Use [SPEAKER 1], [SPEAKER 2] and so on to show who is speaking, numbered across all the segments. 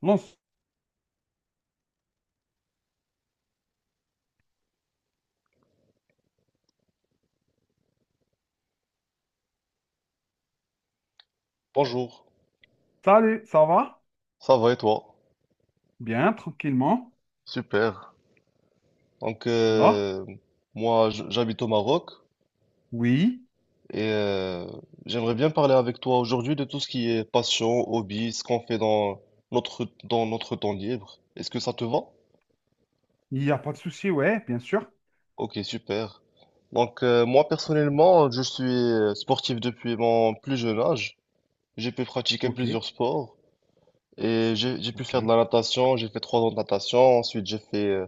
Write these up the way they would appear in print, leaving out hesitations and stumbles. [SPEAKER 1] Bon,
[SPEAKER 2] Bonjour,
[SPEAKER 1] salut, ça va?
[SPEAKER 2] ça va et toi?
[SPEAKER 1] Bien, tranquillement.
[SPEAKER 2] Super. Donc,
[SPEAKER 1] Là?
[SPEAKER 2] moi, j'habite au Maroc
[SPEAKER 1] Oui,
[SPEAKER 2] et j'aimerais bien parler avec toi aujourd'hui de tout ce qui est passion, hobby, ce qu'on fait dans dans notre temps libre. Est-ce que ça te va?
[SPEAKER 1] il n'y a pas de souci, ouais, bien sûr.
[SPEAKER 2] Ok, super. Donc, moi, personnellement, je suis sportif depuis mon plus jeune âge. J'ai pu pratiquer
[SPEAKER 1] Ok,
[SPEAKER 2] plusieurs sports. Et j'ai pu
[SPEAKER 1] ok.
[SPEAKER 2] faire de la natation, j'ai fait 3 ans de natation, ensuite j'ai fait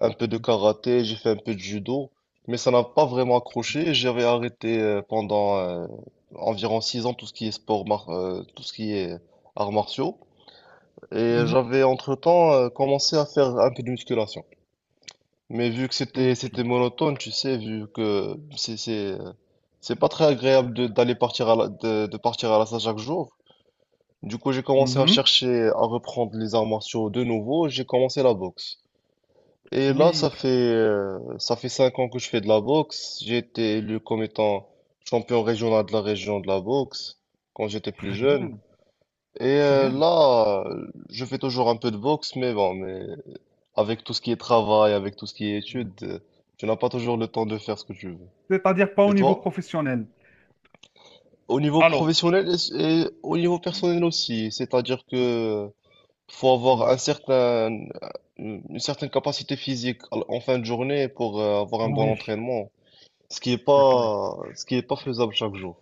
[SPEAKER 2] un peu de
[SPEAKER 1] Mhm.
[SPEAKER 2] karaté, j'ai fait un peu de judo, mais ça n'a pas vraiment accroché. Et j'avais arrêté pendant environ 6 ans tout ce qui est sport, tout ce qui est arts martiaux, et
[SPEAKER 1] Mhm.
[SPEAKER 2] j'avais entre-temps commencé à faire un peu de musculation. Mais vu que c'était
[SPEAKER 1] Ok.
[SPEAKER 2] c'était monotone, tu sais, vu que c'est pas très agréable de- d'aller partir à la, de partir à la salle chaque jour. Du coup, j'ai commencé à
[SPEAKER 1] Mhm.
[SPEAKER 2] chercher à reprendre les arts martiaux de nouveau. J'ai commencé la boxe. Et là,
[SPEAKER 1] Oui, très,
[SPEAKER 2] ça fait 5 ans que je fais de la boxe. J'ai été élu comme étant champion régional de la région de la boxe quand j'étais plus
[SPEAKER 1] très
[SPEAKER 2] jeune.
[SPEAKER 1] bien,
[SPEAKER 2] Et
[SPEAKER 1] très bien.
[SPEAKER 2] là, je fais toujours un peu de boxe, mais bon, mais avec tout ce qui est travail, avec tout ce qui est études, tu n'as pas toujours le temps de faire ce que tu veux.
[SPEAKER 1] C'est-à-dire pas
[SPEAKER 2] Et
[SPEAKER 1] au niveau
[SPEAKER 2] toi?
[SPEAKER 1] professionnel.
[SPEAKER 2] Au niveau
[SPEAKER 1] Alors,
[SPEAKER 2] professionnel et au niveau personnel aussi, c'est-à-dire
[SPEAKER 1] ouais.
[SPEAKER 2] que faut avoir
[SPEAKER 1] Mhm.
[SPEAKER 2] une certaine capacité physique en fin de journée pour avoir un bon
[SPEAKER 1] Oui,
[SPEAKER 2] entraînement, ce qui est
[SPEAKER 1] c'est clair.
[SPEAKER 2] pas, ce qui est pas faisable chaque jour.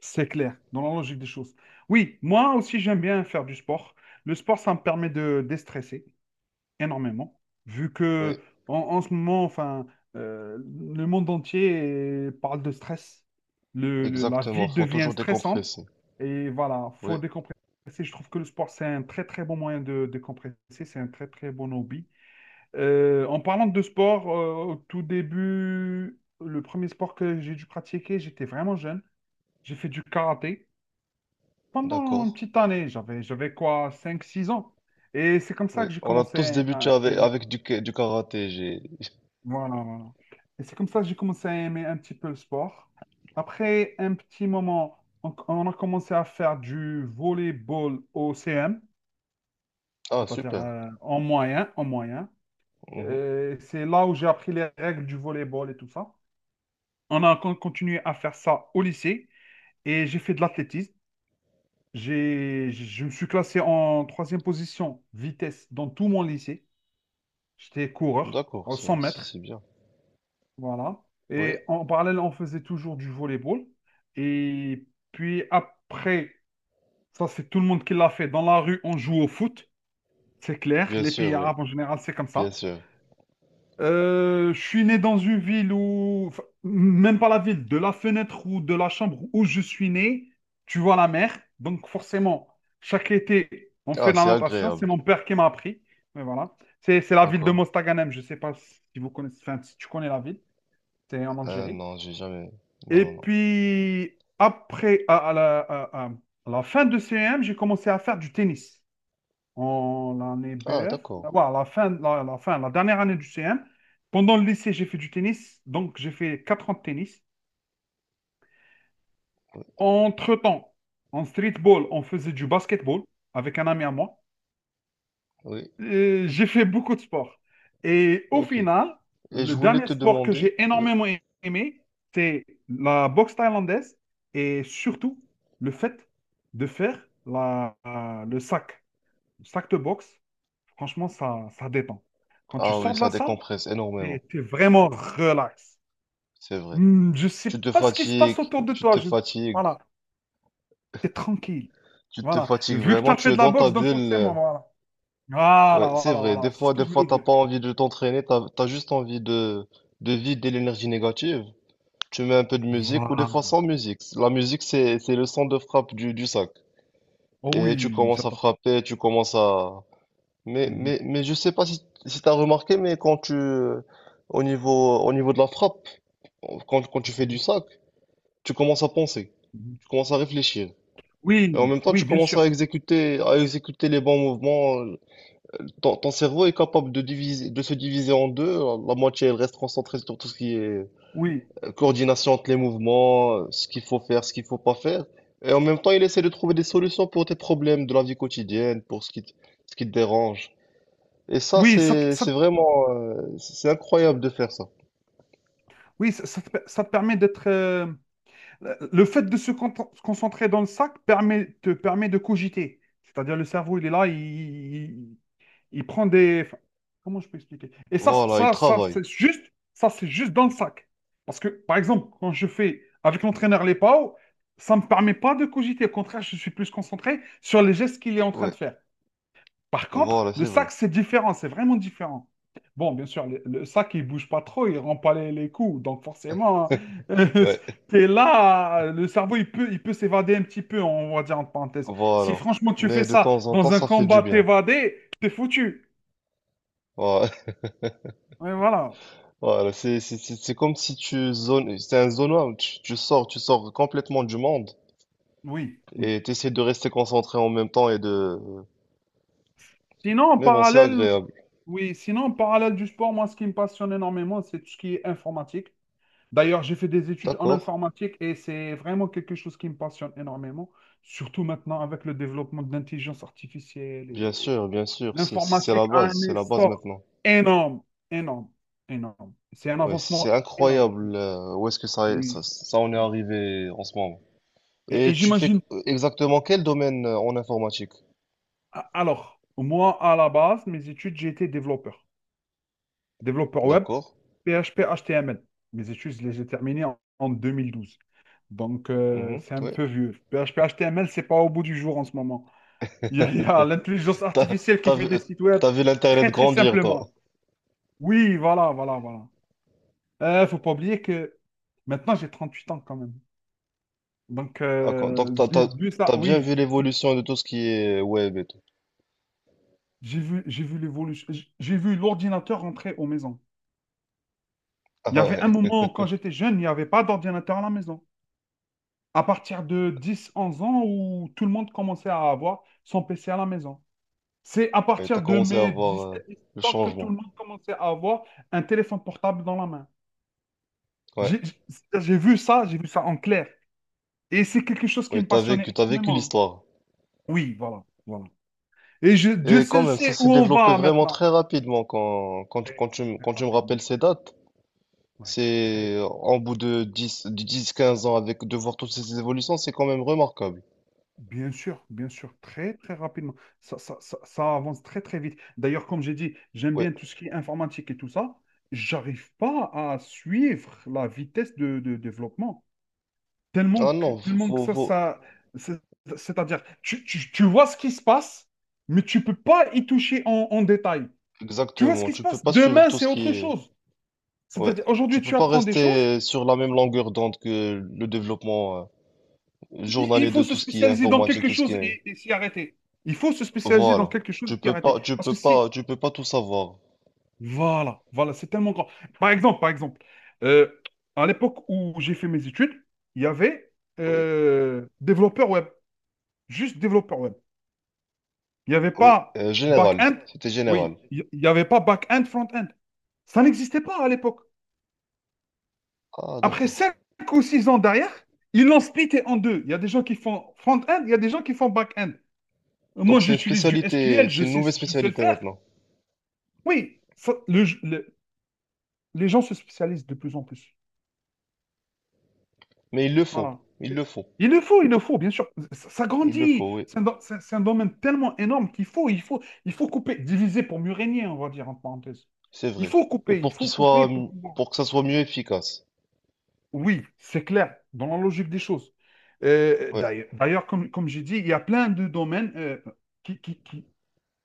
[SPEAKER 1] C'est clair, dans la logique des choses. Oui, moi aussi, j'aime bien faire du sport. Le sport, ça me permet de déstresser, énormément, vu
[SPEAKER 2] Oui,
[SPEAKER 1] que en ce moment, enfin, euh, le monde entier parle de stress. La vie
[SPEAKER 2] exactement. Faut
[SPEAKER 1] devient
[SPEAKER 2] toujours
[SPEAKER 1] stressante
[SPEAKER 2] décompresser.
[SPEAKER 1] et voilà,
[SPEAKER 2] Oui,
[SPEAKER 1] faut décompresser. Je trouve que le sport, c'est un très très bon moyen de décompresser, c'est un très très bon hobby. En parlant de sport, au tout début, le premier sport que j'ai dû pratiquer, j'étais vraiment jeune. J'ai fait du karaté pendant une
[SPEAKER 2] d'accord.
[SPEAKER 1] petite année, j'avais quoi, cinq six ans. Et c'est comme
[SPEAKER 2] Oui,
[SPEAKER 1] ça que j'ai
[SPEAKER 2] on a
[SPEAKER 1] commencé
[SPEAKER 2] tous débuté
[SPEAKER 1] à
[SPEAKER 2] avec,
[SPEAKER 1] aimer.
[SPEAKER 2] avec du karaté. J'ai...
[SPEAKER 1] Voilà, voilà. Et c'est comme ça que j'ai commencé à aimer un petit peu le sport. Après un petit moment, on a commencé à faire du volleyball au CM,
[SPEAKER 2] Ah,
[SPEAKER 1] c'est-à-dire
[SPEAKER 2] super.
[SPEAKER 1] en moyen.
[SPEAKER 2] Mhm.
[SPEAKER 1] C'est là où j'ai appris les règles du volleyball et tout ça. On a continué à faire ça au lycée et j'ai fait de l'athlétisme. Je me suis classé en troisième position vitesse dans tout mon lycée. J'étais coureur
[SPEAKER 2] D'accord,
[SPEAKER 1] en
[SPEAKER 2] c'est
[SPEAKER 1] 100
[SPEAKER 2] c'est-
[SPEAKER 1] mètres.
[SPEAKER 2] c'est bien.
[SPEAKER 1] Voilà.
[SPEAKER 2] Oui,
[SPEAKER 1] Et en parallèle, on faisait toujours du volleyball. Et puis après, ça c'est tout le monde qui l'a fait. Dans la rue, on joue au foot, c'est clair.
[SPEAKER 2] bien
[SPEAKER 1] Les
[SPEAKER 2] sûr,
[SPEAKER 1] pays
[SPEAKER 2] oui,
[SPEAKER 1] arabes en général, c'est comme
[SPEAKER 2] bien
[SPEAKER 1] ça.
[SPEAKER 2] sûr.
[SPEAKER 1] Je suis né dans une ville où, enfin, même pas la ville, de la fenêtre ou de la chambre où je suis né, tu vois la mer. Donc forcément, chaque été, on fait
[SPEAKER 2] Ah,
[SPEAKER 1] de la
[SPEAKER 2] c'est
[SPEAKER 1] natation. C'est
[SPEAKER 2] agréable.
[SPEAKER 1] mon père qui m'a appris. Mais voilà. C'est la ville de
[SPEAKER 2] D'accord.
[SPEAKER 1] Mostaganem. Je sais pas si vous connaissez, enfin, si tu connais la ville. C'est en
[SPEAKER 2] Euh,
[SPEAKER 1] Algérie.
[SPEAKER 2] non, j'ai jamais. Non,
[SPEAKER 1] Et
[SPEAKER 2] non, non.
[SPEAKER 1] puis, après, à la fin de CM, j'ai commencé à faire du tennis en année
[SPEAKER 2] Ah,
[SPEAKER 1] BF.
[SPEAKER 2] d'accord.
[SPEAKER 1] Ouais, à la fin, la dernière année du CM. Pendant le lycée, j'ai fait du tennis. Donc, j'ai fait 4 ans de tennis. Entre-temps, en streetball, on faisait du basketball avec un ami à moi.
[SPEAKER 2] Oui,
[SPEAKER 1] J'ai fait beaucoup de sports. Et au
[SPEAKER 2] ok.
[SPEAKER 1] final,
[SPEAKER 2] Et je
[SPEAKER 1] le
[SPEAKER 2] voulais
[SPEAKER 1] dernier
[SPEAKER 2] te
[SPEAKER 1] sport que
[SPEAKER 2] demander,
[SPEAKER 1] j'ai
[SPEAKER 2] oui.
[SPEAKER 1] énormément aimé, c'est la boxe thaïlandaise et surtout le fait de faire le sac de boxe. Franchement, ça détend. Quand tu
[SPEAKER 2] Ah oui,
[SPEAKER 1] sors de
[SPEAKER 2] ça
[SPEAKER 1] la salle,
[SPEAKER 2] décompresse
[SPEAKER 1] t'es,
[SPEAKER 2] énormément,
[SPEAKER 1] t'es vraiment relax.
[SPEAKER 2] c'est vrai.
[SPEAKER 1] Je sais
[SPEAKER 2] Tu te
[SPEAKER 1] pas ce qui se passe
[SPEAKER 2] fatigues,
[SPEAKER 1] autour de
[SPEAKER 2] tu
[SPEAKER 1] toi.
[SPEAKER 2] te fatigues,
[SPEAKER 1] Voilà, t'es tranquille.
[SPEAKER 2] tu te
[SPEAKER 1] Voilà.
[SPEAKER 2] fatigues
[SPEAKER 1] Vu que tu
[SPEAKER 2] vraiment,
[SPEAKER 1] as
[SPEAKER 2] tu
[SPEAKER 1] fait
[SPEAKER 2] es
[SPEAKER 1] de la
[SPEAKER 2] dans ta
[SPEAKER 1] boxe, donc
[SPEAKER 2] bulle.
[SPEAKER 1] forcément, voilà. Voilà,
[SPEAKER 2] Ouais, c'est
[SPEAKER 1] voilà,
[SPEAKER 2] vrai.
[SPEAKER 1] voilà. C'est ce que
[SPEAKER 2] Des
[SPEAKER 1] je
[SPEAKER 2] fois,
[SPEAKER 1] voulais
[SPEAKER 2] t'as
[SPEAKER 1] dire.
[SPEAKER 2] pas envie de t'entraîner, t'as juste envie de, vider l'énergie négative. Tu mets un peu de musique ou des
[SPEAKER 1] Voilà.
[SPEAKER 2] fois sans musique. La musique, c'est le son de frappe du sac.
[SPEAKER 1] Oh
[SPEAKER 2] Et tu
[SPEAKER 1] oui,
[SPEAKER 2] commences à
[SPEAKER 1] j'adore.
[SPEAKER 2] frapper, tu commences à... Mais,
[SPEAKER 1] Mhm,
[SPEAKER 2] mais, mais je sais pas si t'as remarqué, mais au niveau de la frappe, quand tu fais du
[SPEAKER 1] mhm,
[SPEAKER 2] sac, tu commences à penser.
[SPEAKER 1] mhm.
[SPEAKER 2] Tu commences à réfléchir.
[SPEAKER 1] Oui,
[SPEAKER 2] Et en même temps, tu
[SPEAKER 1] oui, bien
[SPEAKER 2] commences à
[SPEAKER 1] sûr.
[SPEAKER 2] exécuter, à exécuter les bons mouvements. Ton cerveau est capable de diviser, de se diviser en deux. La moitié, elle reste concentrée sur tout ce qui est
[SPEAKER 1] Oui,
[SPEAKER 2] coordination entre les mouvements, ce qu'il faut faire, ce qu'il faut pas faire. Et en même temps, il essaie de trouver des solutions pour tes problèmes de la vie quotidienne, pour ce qui te dérange. Et ça,
[SPEAKER 1] oui,
[SPEAKER 2] c'est incroyable de faire ça.
[SPEAKER 1] oui, ça te permet d'être. Le fait de se concentrer dans le sac te permet de cogiter. C'est-à-dire le cerveau, il est là, il prend des. Enfin, comment je peux expliquer? Et ça,
[SPEAKER 2] Voilà, il
[SPEAKER 1] ça, ça,
[SPEAKER 2] travaille.
[SPEAKER 1] c'est juste, ça, c'est juste dans le sac. Parce que, par exemple, quand je fais avec l'entraîneur les PAO, ça ne me permet pas de cogiter. Au contraire, je suis plus concentré sur les gestes qu'il est en train de
[SPEAKER 2] Ouais,
[SPEAKER 1] faire. Par contre,
[SPEAKER 2] voilà,
[SPEAKER 1] le
[SPEAKER 2] c'est vrai.
[SPEAKER 1] sac, c'est différent, c'est vraiment différent. Bon, bien sûr, le sac, il bouge pas trop, il rend pas les coups. Donc forcément,
[SPEAKER 2] Ouais,
[SPEAKER 1] tu es là, le cerveau, il peut s'évader un petit peu, on va dire en parenthèse. Si
[SPEAKER 2] voilà.
[SPEAKER 1] franchement, tu fais
[SPEAKER 2] Mais de
[SPEAKER 1] ça
[SPEAKER 2] temps en temps,
[SPEAKER 1] dans un
[SPEAKER 2] ça fait du
[SPEAKER 1] combat,
[SPEAKER 2] bien.
[SPEAKER 1] t'évader, t'es foutu.
[SPEAKER 2] Voilà.
[SPEAKER 1] Et voilà,
[SPEAKER 2] Voilà, c'est comme si tu zones, c'est un zone out, tu sors complètement du monde
[SPEAKER 1] oui, oui.
[SPEAKER 2] et tu essaies de rester concentré en même temps et de...
[SPEAKER 1] Sinon, en
[SPEAKER 2] Mais bon, c'est
[SPEAKER 1] parallèle,
[SPEAKER 2] agréable.
[SPEAKER 1] oui, sinon, en parallèle du sport, moi, ce qui me passionne énormément, c'est tout ce qui est informatique. D'ailleurs, j'ai fait des études en
[SPEAKER 2] D'accord,
[SPEAKER 1] informatique et c'est vraiment quelque chose qui me passionne énormément, surtout maintenant avec le développement de l'intelligence artificielle et
[SPEAKER 2] bien sûr, c'est
[SPEAKER 1] l'informatique
[SPEAKER 2] la
[SPEAKER 1] a un
[SPEAKER 2] base, c'est la base
[SPEAKER 1] essor
[SPEAKER 2] maintenant.
[SPEAKER 1] énorme, énorme, énorme. C'est un
[SPEAKER 2] Ouais, c'est
[SPEAKER 1] avancement énorme,
[SPEAKER 2] incroyable où est-ce que ça, ça,
[SPEAKER 1] oui.
[SPEAKER 2] ça en est
[SPEAKER 1] Oui.
[SPEAKER 2] arrivé en ce moment.
[SPEAKER 1] Et,
[SPEAKER 2] Et
[SPEAKER 1] et
[SPEAKER 2] tu fais
[SPEAKER 1] j'imagine,
[SPEAKER 2] exactement quel domaine en informatique?
[SPEAKER 1] alors, moi, à la base, mes études, j'ai été développeur, développeur web,
[SPEAKER 2] D'accord,
[SPEAKER 1] PHP, HTML. Mes études, je les ai terminées en 2012. Donc,
[SPEAKER 2] mhm,
[SPEAKER 1] c'est un
[SPEAKER 2] ouais.
[SPEAKER 1] peu vieux. PHP, HTML, c'est pas au bout du jour en ce moment. Il y a l'intelligence
[SPEAKER 2] T'as,
[SPEAKER 1] artificielle qui
[SPEAKER 2] t'as
[SPEAKER 1] fait
[SPEAKER 2] vu,
[SPEAKER 1] des
[SPEAKER 2] euh,
[SPEAKER 1] sites web
[SPEAKER 2] t'as vu l'Internet
[SPEAKER 1] très très
[SPEAKER 2] grandir, toi.
[SPEAKER 1] simplement. Oui, voilà, voilà, voilà. Faut pas oublier que maintenant j'ai 38 ans quand même. Donc
[SPEAKER 2] Ah,
[SPEAKER 1] euh,
[SPEAKER 2] donc t'as,
[SPEAKER 1] j'ai
[SPEAKER 2] t'as,
[SPEAKER 1] vu ça,
[SPEAKER 2] t'as bien
[SPEAKER 1] oui,
[SPEAKER 2] vu
[SPEAKER 1] j'ai
[SPEAKER 2] l'évolution de tout ce qui est web et tout.
[SPEAKER 1] j'ai vu, j'ai vu l'évolution, j'ai vu l'ordinateur entrer aux maisons.
[SPEAKER 2] Ah
[SPEAKER 1] Il y avait un
[SPEAKER 2] ouais,
[SPEAKER 1] moment où, quand j'étais jeune, il n'y avait pas d'ordinateur à la maison. À partir de dix onze ans où tout le monde commençait à avoir son PC à la maison. C'est à
[SPEAKER 2] ouais, t'as
[SPEAKER 1] partir de
[SPEAKER 2] commencé à
[SPEAKER 1] mes
[SPEAKER 2] voir
[SPEAKER 1] 17
[SPEAKER 2] le
[SPEAKER 1] ans que tout
[SPEAKER 2] changement.
[SPEAKER 1] le monde commençait à avoir un téléphone portable dans la main.
[SPEAKER 2] Ouais,
[SPEAKER 1] J'ai vu ça, j'ai vu ça en clair. Et c'est quelque chose qui
[SPEAKER 2] oui,
[SPEAKER 1] me
[SPEAKER 2] t'as vécu,
[SPEAKER 1] passionnait
[SPEAKER 2] t'as vécu
[SPEAKER 1] énormément.
[SPEAKER 2] l'histoire.
[SPEAKER 1] Oui, voilà, voilà. Et Dieu
[SPEAKER 2] Et quand
[SPEAKER 1] seul
[SPEAKER 2] même, ça
[SPEAKER 1] sait
[SPEAKER 2] s'est
[SPEAKER 1] où on
[SPEAKER 2] développé
[SPEAKER 1] va
[SPEAKER 2] vraiment
[SPEAKER 1] maintenant.
[SPEAKER 2] très rapidement quand, quand, tu- quand
[SPEAKER 1] Très,
[SPEAKER 2] tu, me-
[SPEAKER 1] très
[SPEAKER 2] quand tu me rappelles
[SPEAKER 1] rapidement.
[SPEAKER 2] ces dates.
[SPEAKER 1] Ouais, très,
[SPEAKER 2] C'est en bout de 10-15 ans avec de voir toutes ces évolutions, c'est quand même remarquable.
[SPEAKER 1] bien sûr, très, très rapidement. Ça avance très, très vite. D'ailleurs, comme j'ai dit, j'aime
[SPEAKER 2] Ouais.
[SPEAKER 1] bien tout ce qui est informatique et tout ça. J'arrive pas à suivre la vitesse de développement. Tellement
[SPEAKER 2] Ah
[SPEAKER 1] que,
[SPEAKER 2] non,
[SPEAKER 1] tellement que c'est- c'est-à-dire, tu vois ce qui se passe, mais tu peux pas y toucher en détail. Tu vois ce
[SPEAKER 2] exactement.
[SPEAKER 1] qui se
[SPEAKER 2] Tu peux
[SPEAKER 1] passe,
[SPEAKER 2] pas suivre
[SPEAKER 1] demain,
[SPEAKER 2] tout
[SPEAKER 1] c'est
[SPEAKER 2] ce qui
[SPEAKER 1] autre
[SPEAKER 2] est,
[SPEAKER 1] chose.
[SPEAKER 2] ouais.
[SPEAKER 1] C'est-à-dire,
[SPEAKER 2] Tu
[SPEAKER 1] aujourd'hui,
[SPEAKER 2] peux
[SPEAKER 1] tu
[SPEAKER 2] pas
[SPEAKER 1] apprends des choses,
[SPEAKER 2] rester sur la même longueur d'onde que le développement,
[SPEAKER 1] il,
[SPEAKER 2] journalier
[SPEAKER 1] il faut
[SPEAKER 2] de
[SPEAKER 1] se
[SPEAKER 2] tout ce qui est
[SPEAKER 1] spécialiser dans
[SPEAKER 2] informatique,
[SPEAKER 1] quelque
[SPEAKER 2] tout ce qui
[SPEAKER 1] chose
[SPEAKER 2] est...
[SPEAKER 1] et s'y arrêter. Il faut se spécialiser dans
[SPEAKER 2] Voilà.
[SPEAKER 1] quelque chose
[SPEAKER 2] Tu
[SPEAKER 1] et s'y
[SPEAKER 2] peux
[SPEAKER 1] arrêter.
[SPEAKER 2] pas, tu
[SPEAKER 1] Parce
[SPEAKER 2] peux
[SPEAKER 1] que si,
[SPEAKER 2] pas, tu peux pas tout savoir.
[SPEAKER 1] Voilà, voilà, c'est tellement grand. Par exemple, euh, à l'époque où j'ai fait mes études, il y avait
[SPEAKER 2] Oui,
[SPEAKER 1] développeur web, juste développeur web. Il n'y avait
[SPEAKER 2] oui.
[SPEAKER 1] pas
[SPEAKER 2] Général.
[SPEAKER 1] back-end.
[SPEAKER 2] C'était général.
[SPEAKER 1] Oui, il n'y avait pas back-end, front-end. Ça n'existait pas à l'époque.
[SPEAKER 2] Ah,
[SPEAKER 1] Après
[SPEAKER 2] d'accord.
[SPEAKER 1] 5 ou 6 ans derrière, ils l'ont splitté en deux. Il y a des gens qui font front-end, il y a des gens qui font back-end. Moi,
[SPEAKER 2] Donc
[SPEAKER 1] j'utilise du SQL,
[SPEAKER 2] c'est
[SPEAKER 1] je
[SPEAKER 2] une
[SPEAKER 1] sais,
[SPEAKER 2] nouvelle
[SPEAKER 1] je sais le
[SPEAKER 2] spécialité
[SPEAKER 1] faire.
[SPEAKER 2] maintenant.
[SPEAKER 1] Oui, les gens se spécialisent de plus en plus.
[SPEAKER 2] Mais il le faut.
[SPEAKER 1] Voilà.
[SPEAKER 2] Il le faut.
[SPEAKER 1] Il le faut, bien sûr. Ça
[SPEAKER 2] Il le
[SPEAKER 1] grandit.
[SPEAKER 2] faut, oui.
[SPEAKER 1] C'est un domaine tellement énorme qu'il faut couper, diviser pour mieux régner, on va dire en parenthèse.
[SPEAKER 2] C'est vrai. Et
[SPEAKER 1] Il faut couper pour pouvoir.
[SPEAKER 2] pour que ça soit mieux efficace.
[SPEAKER 1] Oui, c'est clair, dans la logique des choses. Euh,
[SPEAKER 2] Ouais,
[SPEAKER 1] d'ailleurs, d'ailleurs, comme j'ai dit, il y a plein de domaines qui, qui, qui-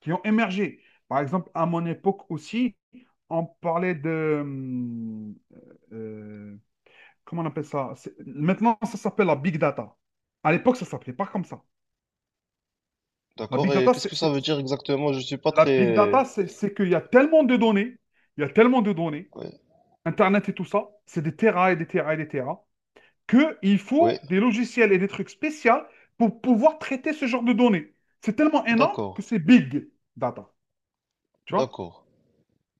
[SPEAKER 1] qui ont émergé. Par exemple, à mon époque aussi, on parlait de, euh, comment on appelle ça? Maintenant, ça s'appelle la big data. À l'époque, ça ne s'appelait pas comme ça. La
[SPEAKER 2] d'accord.
[SPEAKER 1] big
[SPEAKER 2] Et
[SPEAKER 1] data,
[SPEAKER 2] qu'est-ce que
[SPEAKER 1] c'est,
[SPEAKER 2] ça
[SPEAKER 1] c'est-
[SPEAKER 2] veut dire exactement? Je suis pas
[SPEAKER 1] la big
[SPEAKER 2] très...
[SPEAKER 1] data, c'est c'est qu'il y a tellement de données, il y a tellement de données,
[SPEAKER 2] Ouais,
[SPEAKER 1] Internet et tout ça, c'est des terras et des terras et des terras, qu'il faut
[SPEAKER 2] ouais.
[SPEAKER 1] des logiciels et des trucs spéciaux pour pouvoir traiter ce genre de données. C'est tellement énorme
[SPEAKER 2] D'accord.
[SPEAKER 1] que c'est big data, tu vois?
[SPEAKER 2] D'accord.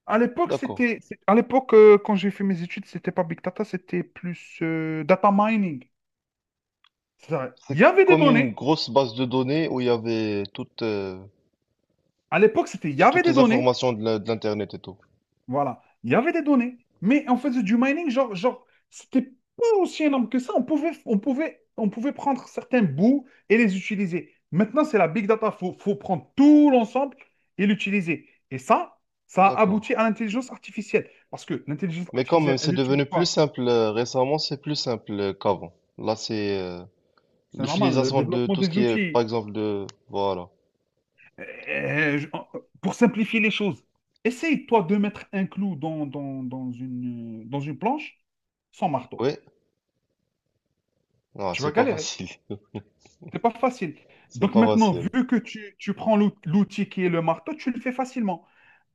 [SPEAKER 1] À l'époque,
[SPEAKER 2] D'accord.
[SPEAKER 1] quand j'ai fait mes études, c'était pas big data, c'était plus data mining. C'est-à-dire, il y
[SPEAKER 2] C'est
[SPEAKER 1] avait des
[SPEAKER 2] comme une
[SPEAKER 1] données.
[SPEAKER 2] grosse base de données où il y avait toutes...
[SPEAKER 1] À l'époque, il y avait
[SPEAKER 2] toutes
[SPEAKER 1] des
[SPEAKER 2] les
[SPEAKER 1] données.
[SPEAKER 2] informations de l'Internet et tout.
[SPEAKER 1] Voilà. Il y avait des données, mais on faisait du mining, genre, c'était pas aussi énorme que ça. On pouvait prendre certains bouts et les utiliser. Maintenant, c'est la big data. Il faut prendre tout l'ensemble et l'utiliser. Et ça a
[SPEAKER 2] D'accord.
[SPEAKER 1] abouti à l'intelligence artificielle. Parce que l'intelligence
[SPEAKER 2] Mais quand même,
[SPEAKER 1] artificielle,
[SPEAKER 2] c'est
[SPEAKER 1] elle utilise
[SPEAKER 2] devenu plus
[SPEAKER 1] quoi?
[SPEAKER 2] simple récemment, c'est plus simple qu'avant. Là, c'est
[SPEAKER 1] C'est normal, le
[SPEAKER 2] l'utilisation de
[SPEAKER 1] développement
[SPEAKER 2] tout ce
[SPEAKER 1] des
[SPEAKER 2] qui est, par
[SPEAKER 1] outils.
[SPEAKER 2] exemple, de... Voilà.
[SPEAKER 1] Euh, je- pour simplifier les choses, essaye, toi, de mettre un clou dans une planche sans marteau.
[SPEAKER 2] Oui, non,
[SPEAKER 1] Tu
[SPEAKER 2] c'est
[SPEAKER 1] vas
[SPEAKER 2] pas
[SPEAKER 1] galérer.
[SPEAKER 2] facile.
[SPEAKER 1] C'est pas facile.
[SPEAKER 2] C'est
[SPEAKER 1] Donc
[SPEAKER 2] pas
[SPEAKER 1] maintenant,
[SPEAKER 2] facile.
[SPEAKER 1] vu que tu prends l'outil qui est le marteau, tu le fais facilement.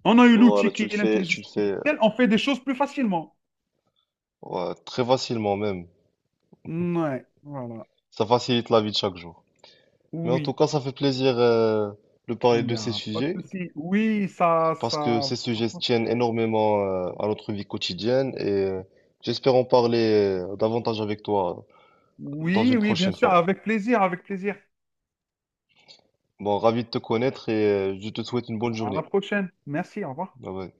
[SPEAKER 1] On a eu
[SPEAKER 2] Voilà,
[SPEAKER 1] l'outil qui
[SPEAKER 2] tu le
[SPEAKER 1] est
[SPEAKER 2] fais, tu
[SPEAKER 1] l'intelligence
[SPEAKER 2] le fais
[SPEAKER 1] artificielle, on fait des choses plus facilement.
[SPEAKER 2] ouais, très facilement même.
[SPEAKER 1] Ouais, voilà.
[SPEAKER 2] Ça facilite la vie de chaque jour. Mais en tout
[SPEAKER 1] Oui,
[SPEAKER 2] cas, ça fait plaisir de parler
[SPEAKER 1] il n'y
[SPEAKER 2] de ces
[SPEAKER 1] a pas de
[SPEAKER 2] sujets,
[SPEAKER 1] souci. Oui, ça,
[SPEAKER 2] parce que
[SPEAKER 1] ça.
[SPEAKER 2] ces sujets tiennent énormément à notre vie quotidienne et j'espère en parler davantage avec toi dans
[SPEAKER 1] Oui,
[SPEAKER 2] une
[SPEAKER 1] oui, bien
[SPEAKER 2] prochaine
[SPEAKER 1] sûr,
[SPEAKER 2] fois.
[SPEAKER 1] avec plaisir, avec plaisir.
[SPEAKER 2] Bon, ravi de te connaître et je te souhaite une bonne
[SPEAKER 1] À la
[SPEAKER 2] journée.
[SPEAKER 1] prochaine. Merci, au revoir.
[SPEAKER 2] Bye bye.